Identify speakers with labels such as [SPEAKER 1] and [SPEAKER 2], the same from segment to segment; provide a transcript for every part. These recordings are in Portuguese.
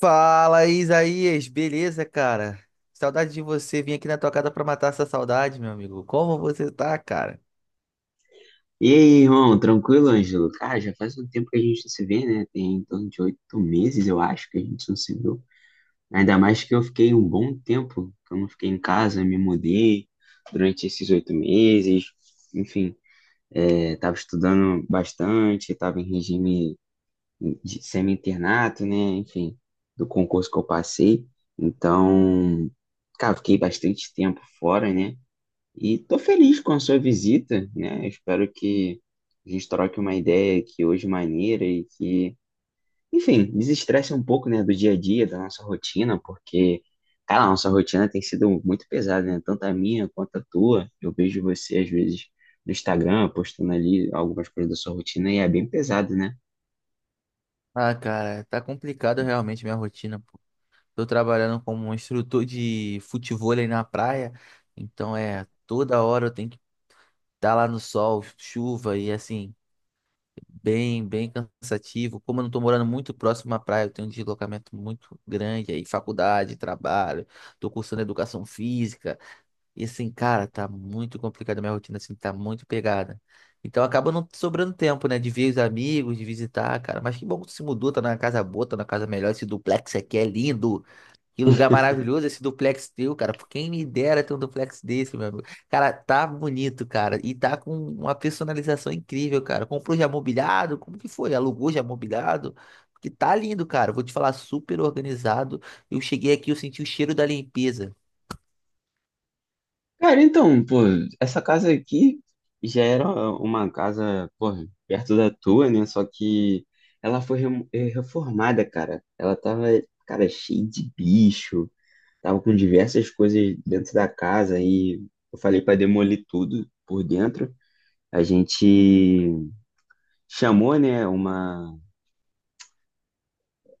[SPEAKER 1] Fala, Isaías, beleza, cara? Saudade de você. Vim aqui na tua casa pra matar essa saudade, meu amigo. Como você tá, cara?
[SPEAKER 2] E aí, irmão, tranquilo, Ângelo? Cara, já faz um tempo que a gente não se vê, né? Tem em torno de 8 meses, eu acho, que a gente não se viu. Ainda mais que eu fiquei um bom tempo, que eu não fiquei em casa, me mudei durante esses 8 meses. Enfim, tava estudando bastante, tava em regime de semi-internato, né? Enfim, do concurso que eu passei. Então, cara, fiquei bastante tempo fora, né? E tô feliz com a sua visita, né? Espero que a gente troque uma ideia que hoje maneira e que, enfim, desestresse um pouco, né, do dia a dia, da nossa rotina, porque, cara, a nossa rotina tem sido muito pesada, né? Tanto a minha quanto a tua. Eu vejo você, às vezes, no Instagram, postando ali algumas coisas da sua rotina e é bem pesado, né?
[SPEAKER 1] Ah, cara, tá complicado realmente minha rotina, pô. Tô trabalhando como um instrutor de futevôlei na praia, então é toda hora eu tenho que estar lá no sol, chuva e assim, bem cansativo. Como eu não tô morando muito próximo à praia, eu tenho um deslocamento muito grande aí, faculdade, trabalho, tô cursando educação física. E assim, cara, tá muito complicado. Minha rotina, assim, tá muito pegada. Então acaba não sobrando tempo, né? De ver os amigos, de visitar, cara. Mas que bom que tu se mudou, tá na casa boa, tá na casa melhor. Esse duplex aqui é lindo. Que lugar maravilhoso esse duplex teu, cara. Por quem me dera ter um duplex desse, meu amigo. Cara, tá bonito, cara. E tá com uma personalização incrível, cara. Comprou já mobiliado? Como que foi? Alugou já mobiliado? Porque tá lindo, cara. Vou te falar, super organizado. Eu cheguei aqui, eu senti o cheiro da limpeza.
[SPEAKER 2] Cara, então, pô, essa casa aqui já era uma casa, pô, perto da tua, né? Só que ela foi reformada, cara. Ela tava, cara, cheia de bicho, tava com diversas coisas dentro da casa e eu falei pra demolir tudo por dentro. A gente chamou, né, uma.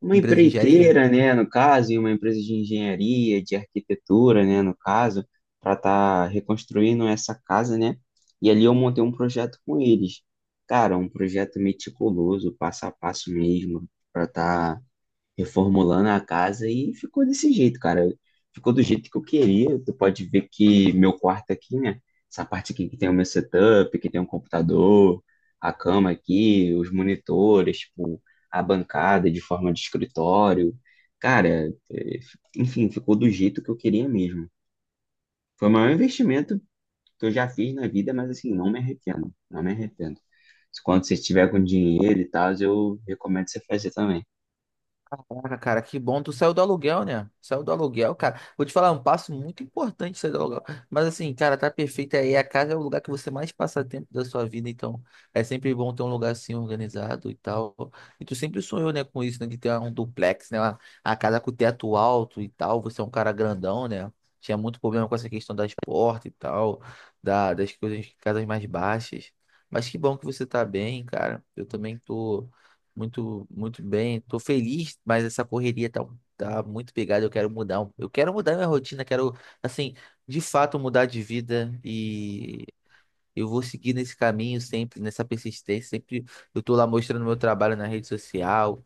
[SPEAKER 2] Uma
[SPEAKER 1] Empresa de engenharia?
[SPEAKER 2] empreiteira, né, no caso, e uma empresa de engenharia, de arquitetura, né, no caso, para estar reconstruindo essa casa, né? E ali eu montei um projeto com eles. Cara, um projeto meticuloso, passo a passo mesmo, para estar reformulando a casa e ficou desse jeito, cara. Ficou do jeito que eu queria. Tu pode ver que meu quarto aqui, né? Essa parte aqui que tem o meu setup, que tem um computador, a cama aqui, os monitores, tipo, a bancada de forma de escritório. Cara, enfim, ficou do jeito que eu queria mesmo. Foi o maior investimento que eu já fiz na vida, mas assim, não me arrependo, não me arrependo. Quando você estiver com dinheiro e tal, eu recomendo você fazer também.
[SPEAKER 1] Caraca, cara, que bom. Tu saiu do aluguel, né? Saiu do aluguel, cara. Vou te falar, é um passo muito importante sair do aluguel. Mas assim, cara, tá perfeito aí. A casa é o lugar que você mais passa tempo da sua vida, então é sempre bom ter um lugar assim organizado e tal. E tu sempre sonhou, né, com isso, né? De ter um duplex, né? A casa com teto alto e tal. Você é um cara grandão, né? Tinha muito problema com essa questão das portas e tal, das coisas, casas mais baixas. Mas que bom que você tá bem, cara. Eu também tô. Muito, muito bem. Tô feliz, mas essa correria tá muito pegada. Eu quero mudar. Eu quero mudar minha rotina, quero, assim, de fato mudar de vida, eu vou seguir nesse caminho sempre, nessa persistência. Sempre eu tô lá mostrando meu trabalho na rede social,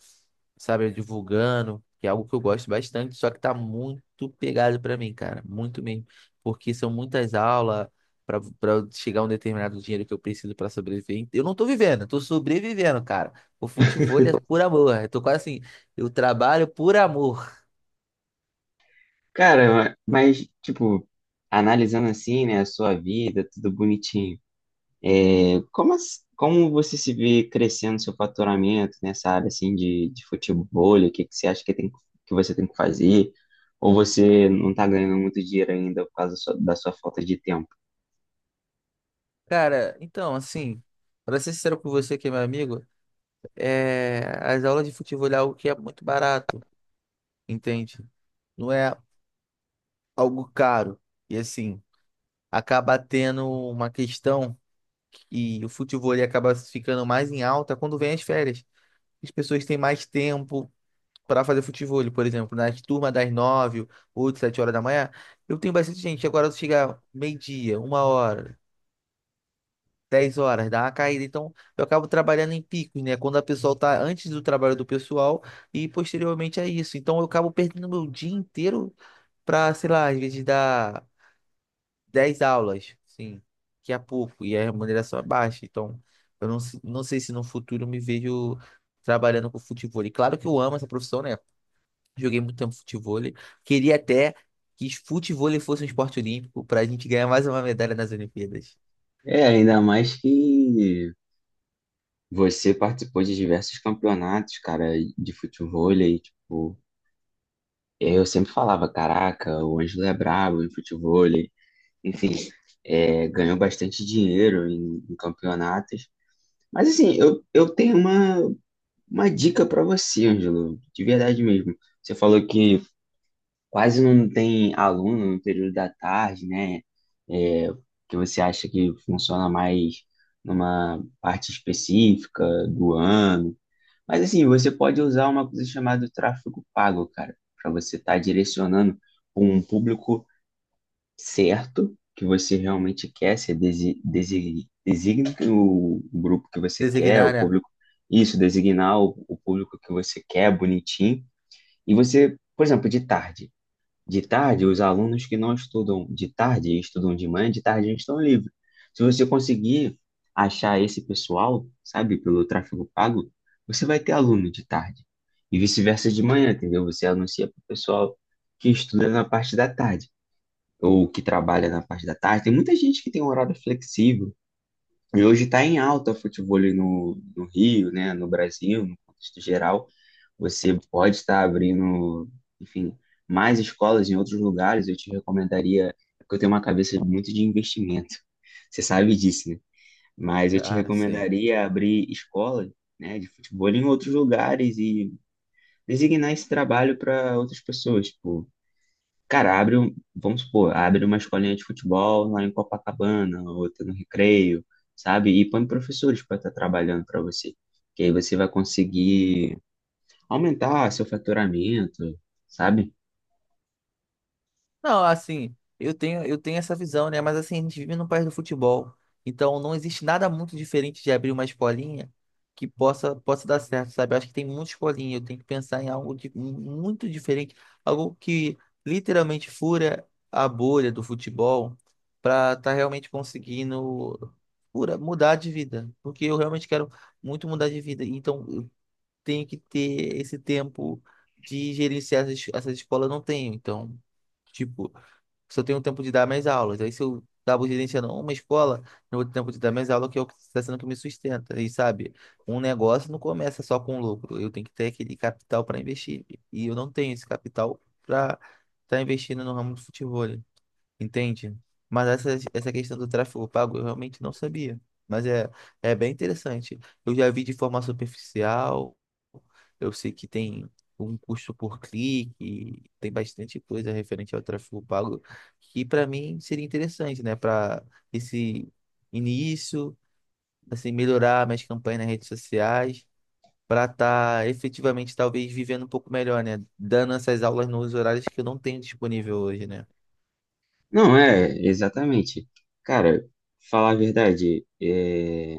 [SPEAKER 1] sabe? Divulgando, que é algo que eu gosto bastante, só que tá muito pegado pra mim, cara. Muito mesmo. Porque são muitas aulas pra para chegar a um determinado dinheiro que eu preciso pra sobreviver. Eu não tô vivendo, eu tô sobrevivendo, cara. O futebol é por amor. Eu tô quase assim, eu trabalho por amor.
[SPEAKER 2] Cara, mas, tipo, analisando assim, né, a sua vida, tudo bonitinho, como você se vê crescendo seu faturamento nessa área, assim, de futebol? O que que você acha que, tem, que você tem que fazer? Ou você não tá ganhando muito dinheiro ainda por causa da da sua falta de tempo?
[SPEAKER 1] Cara, então, assim, pra ser sincero com você que é meu amigo, é, as aulas de futebol é algo que é muito barato. Entende? Não é algo caro. E assim, acaba tendo uma questão que o futebol ele acaba ficando mais em alta quando vem as férias. As pessoas têm mais tempo para fazer futebol, por exemplo, nas turmas das 9, 8, 7 horas da manhã. Eu tenho bastante gente. Agora chega meio-dia, uma hora, 10 horas, dá uma caída. Então eu acabo trabalhando em picos, né? Quando a pessoa tá antes do trabalho do pessoal e posteriormente a isso. Então eu acabo perdendo meu dia inteiro para, sei lá, às vezes dar 10 aulas, sim, que é pouco e a remuneração é baixa. Então, eu não, se- não sei se no futuro eu me vejo trabalhando com futevôlei. Claro que eu amo essa profissão, né? Joguei muito tempo futevôlei. Queria até que futevôlei fosse um esporte olímpico para a gente ganhar mais uma medalha nas Olimpíadas.
[SPEAKER 2] É, ainda mais que você participou de diversos campeonatos, cara, de futebol, e, tipo, eu sempre falava, caraca, o Ângelo é brabo em futebol, enfim, é, ganhou bastante dinheiro em campeonatos. Mas assim, eu tenho uma dica para você, Ângelo, de verdade mesmo. Você falou que quase não tem aluno no período da tarde, né? É, que você acha que funciona mais numa parte específica do ano. Mas assim, você pode usar uma coisa chamada tráfego pago, cara, para você estar direcionando para um público certo que você realmente quer, você designa o grupo que você quer, o
[SPEAKER 1] Designar, né?
[SPEAKER 2] público, isso, designar o público que você quer, bonitinho. E você, por exemplo, de tarde. De tarde, os alunos que não estudam de tarde e estudam de manhã, de tarde eles estão livres. Se você conseguir achar esse pessoal, sabe, pelo tráfego pago, você vai ter aluno de tarde. E vice-versa de manhã, entendeu? Você anuncia para o pessoal que estuda na parte da tarde ou que trabalha na parte da tarde. Tem muita gente que tem um horário flexível. E hoje está em alta o futebol no Rio, né, no Brasil, no contexto geral. Você pode estar abrindo, enfim, mais escolas em outros lugares. Eu te recomendaria, porque eu tenho uma cabeça muito de investimento. Você sabe disso, né? Mas eu te
[SPEAKER 1] Ah, sei.
[SPEAKER 2] recomendaria abrir escolas, né, de futebol em outros lugares e designar esse trabalho para outras pessoas. Tipo, cara, vamos supor, abre uma escolinha de futebol lá em Copacabana, outra no Recreio, sabe? E põe professores para estar trabalhando para você. Que aí você vai conseguir aumentar seu faturamento, sabe?
[SPEAKER 1] Não, assim, eu tenho essa visão, né? Mas assim, a gente vive num país do futebol. Então não existe nada muito diferente de abrir uma escolinha que possa dar certo, sabe? Eu acho que tem muita escolinha, eu tenho que pensar em algo de, muito diferente, algo que literalmente fura a bolha do futebol para estar realmente conseguindo fura, mudar de vida. Porque eu realmente quero muito mudar de vida. Então eu tenho que ter esse tempo de gerenciar essas escolas, eu não tenho. Então. Tipo, se eu tenho um tempo de dar minhas aulas. Aí se eu acabo gerenciando uma escola, eu vou ter tempo de dar minhas aulas, que é o que está sendo que me sustenta. E sabe, um negócio não começa só com lucro. Eu tenho que ter aquele capital para investir. E eu não tenho esse capital para estar investindo no ramo do futebol. Entende? Mas essa questão do tráfego pago eu realmente não sabia. Mas é bem interessante. Eu já vi de forma superficial, eu sei que tem um custo por clique, tem bastante coisa referente ao tráfego pago, que para mim seria interessante, né? Para esse início, assim, melhorar minhas campanhas nas redes sociais, para estar efetivamente talvez vivendo um pouco melhor, né? Dando essas aulas nos horários que eu não tenho disponível hoje, né?
[SPEAKER 2] Não, é, exatamente. Cara, falar a verdade, é,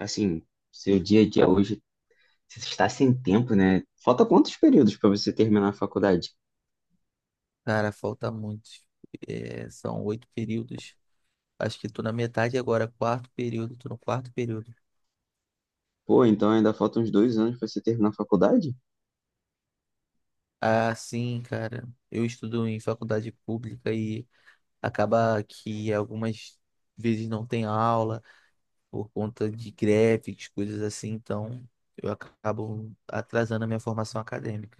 [SPEAKER 2] assim, seu dia a dia hoje, você está sem tempo, né? Falta quantos períodos para você terminar a faculdade?
[SPEAKER 1] Cara, falta muito. É, são 8 períodos. Acho que tô na metade agora, quarto período, tô no quarto período.
[SPEAKER 2] Pô, então ainda faltam uns 2 anos para você terminar a faculdade?
[SPEAKER 1] Ah, sim, cara. Eu estudo em faculdade pública e acaba que algumas vezes não tem aula por conta de greves, coisas assim, então eu acabo atrasando a minha formação acadêmica.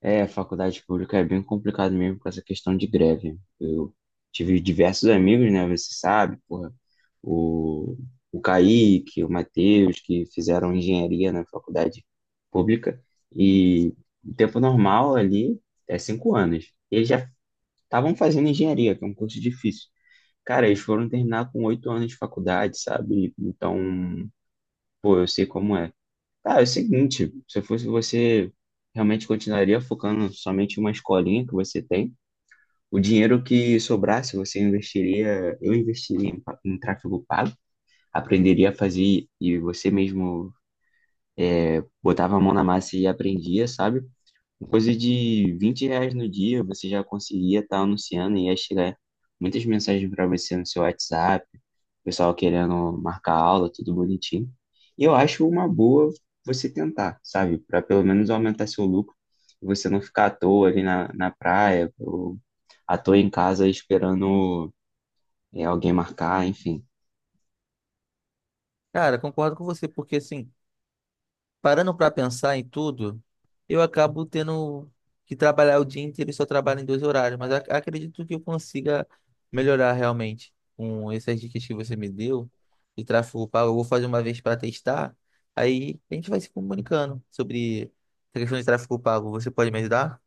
[SPEAKER 2] É, faculdade pública é bem complicado mesmo com essa questão de greve. Eu tive diversos amigos, né? Você sabe, porra, o, o Kaique, o Matheus, que fizeram engenharia na faculdade pública. E o tempo normal ali é 5 anos. Eles já estavam fazendo engenharia, que é um curso difícil. Cara, eles foram terminar com 8 anos de faculdade, sabe? Então, pô, eu sei como é. Cara, é o seguinte, se fosse você, realmente continuaria focando somente em uma escolinha que você tem. O dinheiro que sobrasse, você investiria, eu investiria em tráfego pago, aprenderia a fazer e você mesmo botava a mão na massa e aprendia, sabe? Coisa de R$ 20 no dia, você já conseguia estar anunciando e ia chegar muitas mensagens para você no seu WhatsApp, pessoal querendo marcar aula, tudo bonitinho. E eu acho uma boa você tentar, sabe? Para pelo menos aumentar seu lucro, e você não ficar à toa ali na praia, ou à toa em casa esperando alguém marcar, enfim.
[SPEAKER 1] Cara, concordo com você, porque assim. Parando para pensar em tudo, eu acabo tendo que trabalhar o dia inteiro e só trabalho em dois horários, mas acredito que eu consiga melhorar realmente com essas dicas que você me deu de tráfego pago. Eu vou fazer uma vez para testar, aí a gente vai se comunicando sobre a questão de tráfego pago. Você pode me ajudar?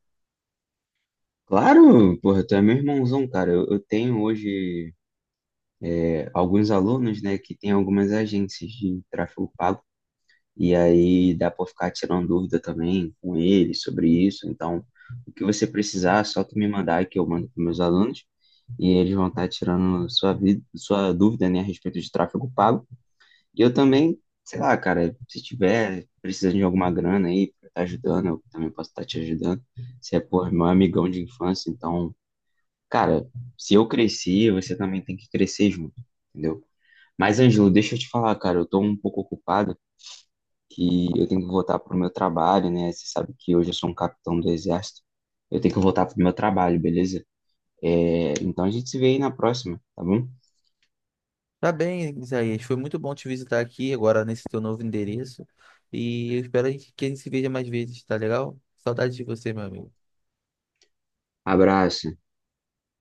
[SPEAKER 2] Claro, porra, tu é meu irmãozão, cara. Eu tenho hoje é, alguns alunos, né, que têm algumas agências de tráfego pago. E aí dá para ficar tirando dúvida também com ele sobre isso. Então, o que você precisar, é só tu me mandar que eu mando para meus alunos e eles vão estar tirando sua vida, sua dúvida, né, a respeito de tráfego pago. E eu também, sei lá, cara, se tiver precisando de alguma grana aí para estar ajudando, eu também posso estar te ajudando. Você é, pô, é meu amigão de infância, então, cara, se eu cresci, você também tem que crescer junto, entendeu? Mas, Ângelo, deixa eu te falar, cara, eu tô um pouco ocupado que eu tenho que voltar para o meu trabalho, né? Você sabe que hoje eu sou um capitão do exército. Eu tenho que voltar para o meu trabalho, beleza? É, então a gente se vê aí na próxima, tá bom?
[SPEAKER 1] Tá bem, Isaías. Foi muito bom te visitar aqui agora nesse teu novo endereço e eu espero a gente que a gente se veja mais vezes, tá legal? Saudades de você, meu amigo.
[SPEAKER 2] Abraço.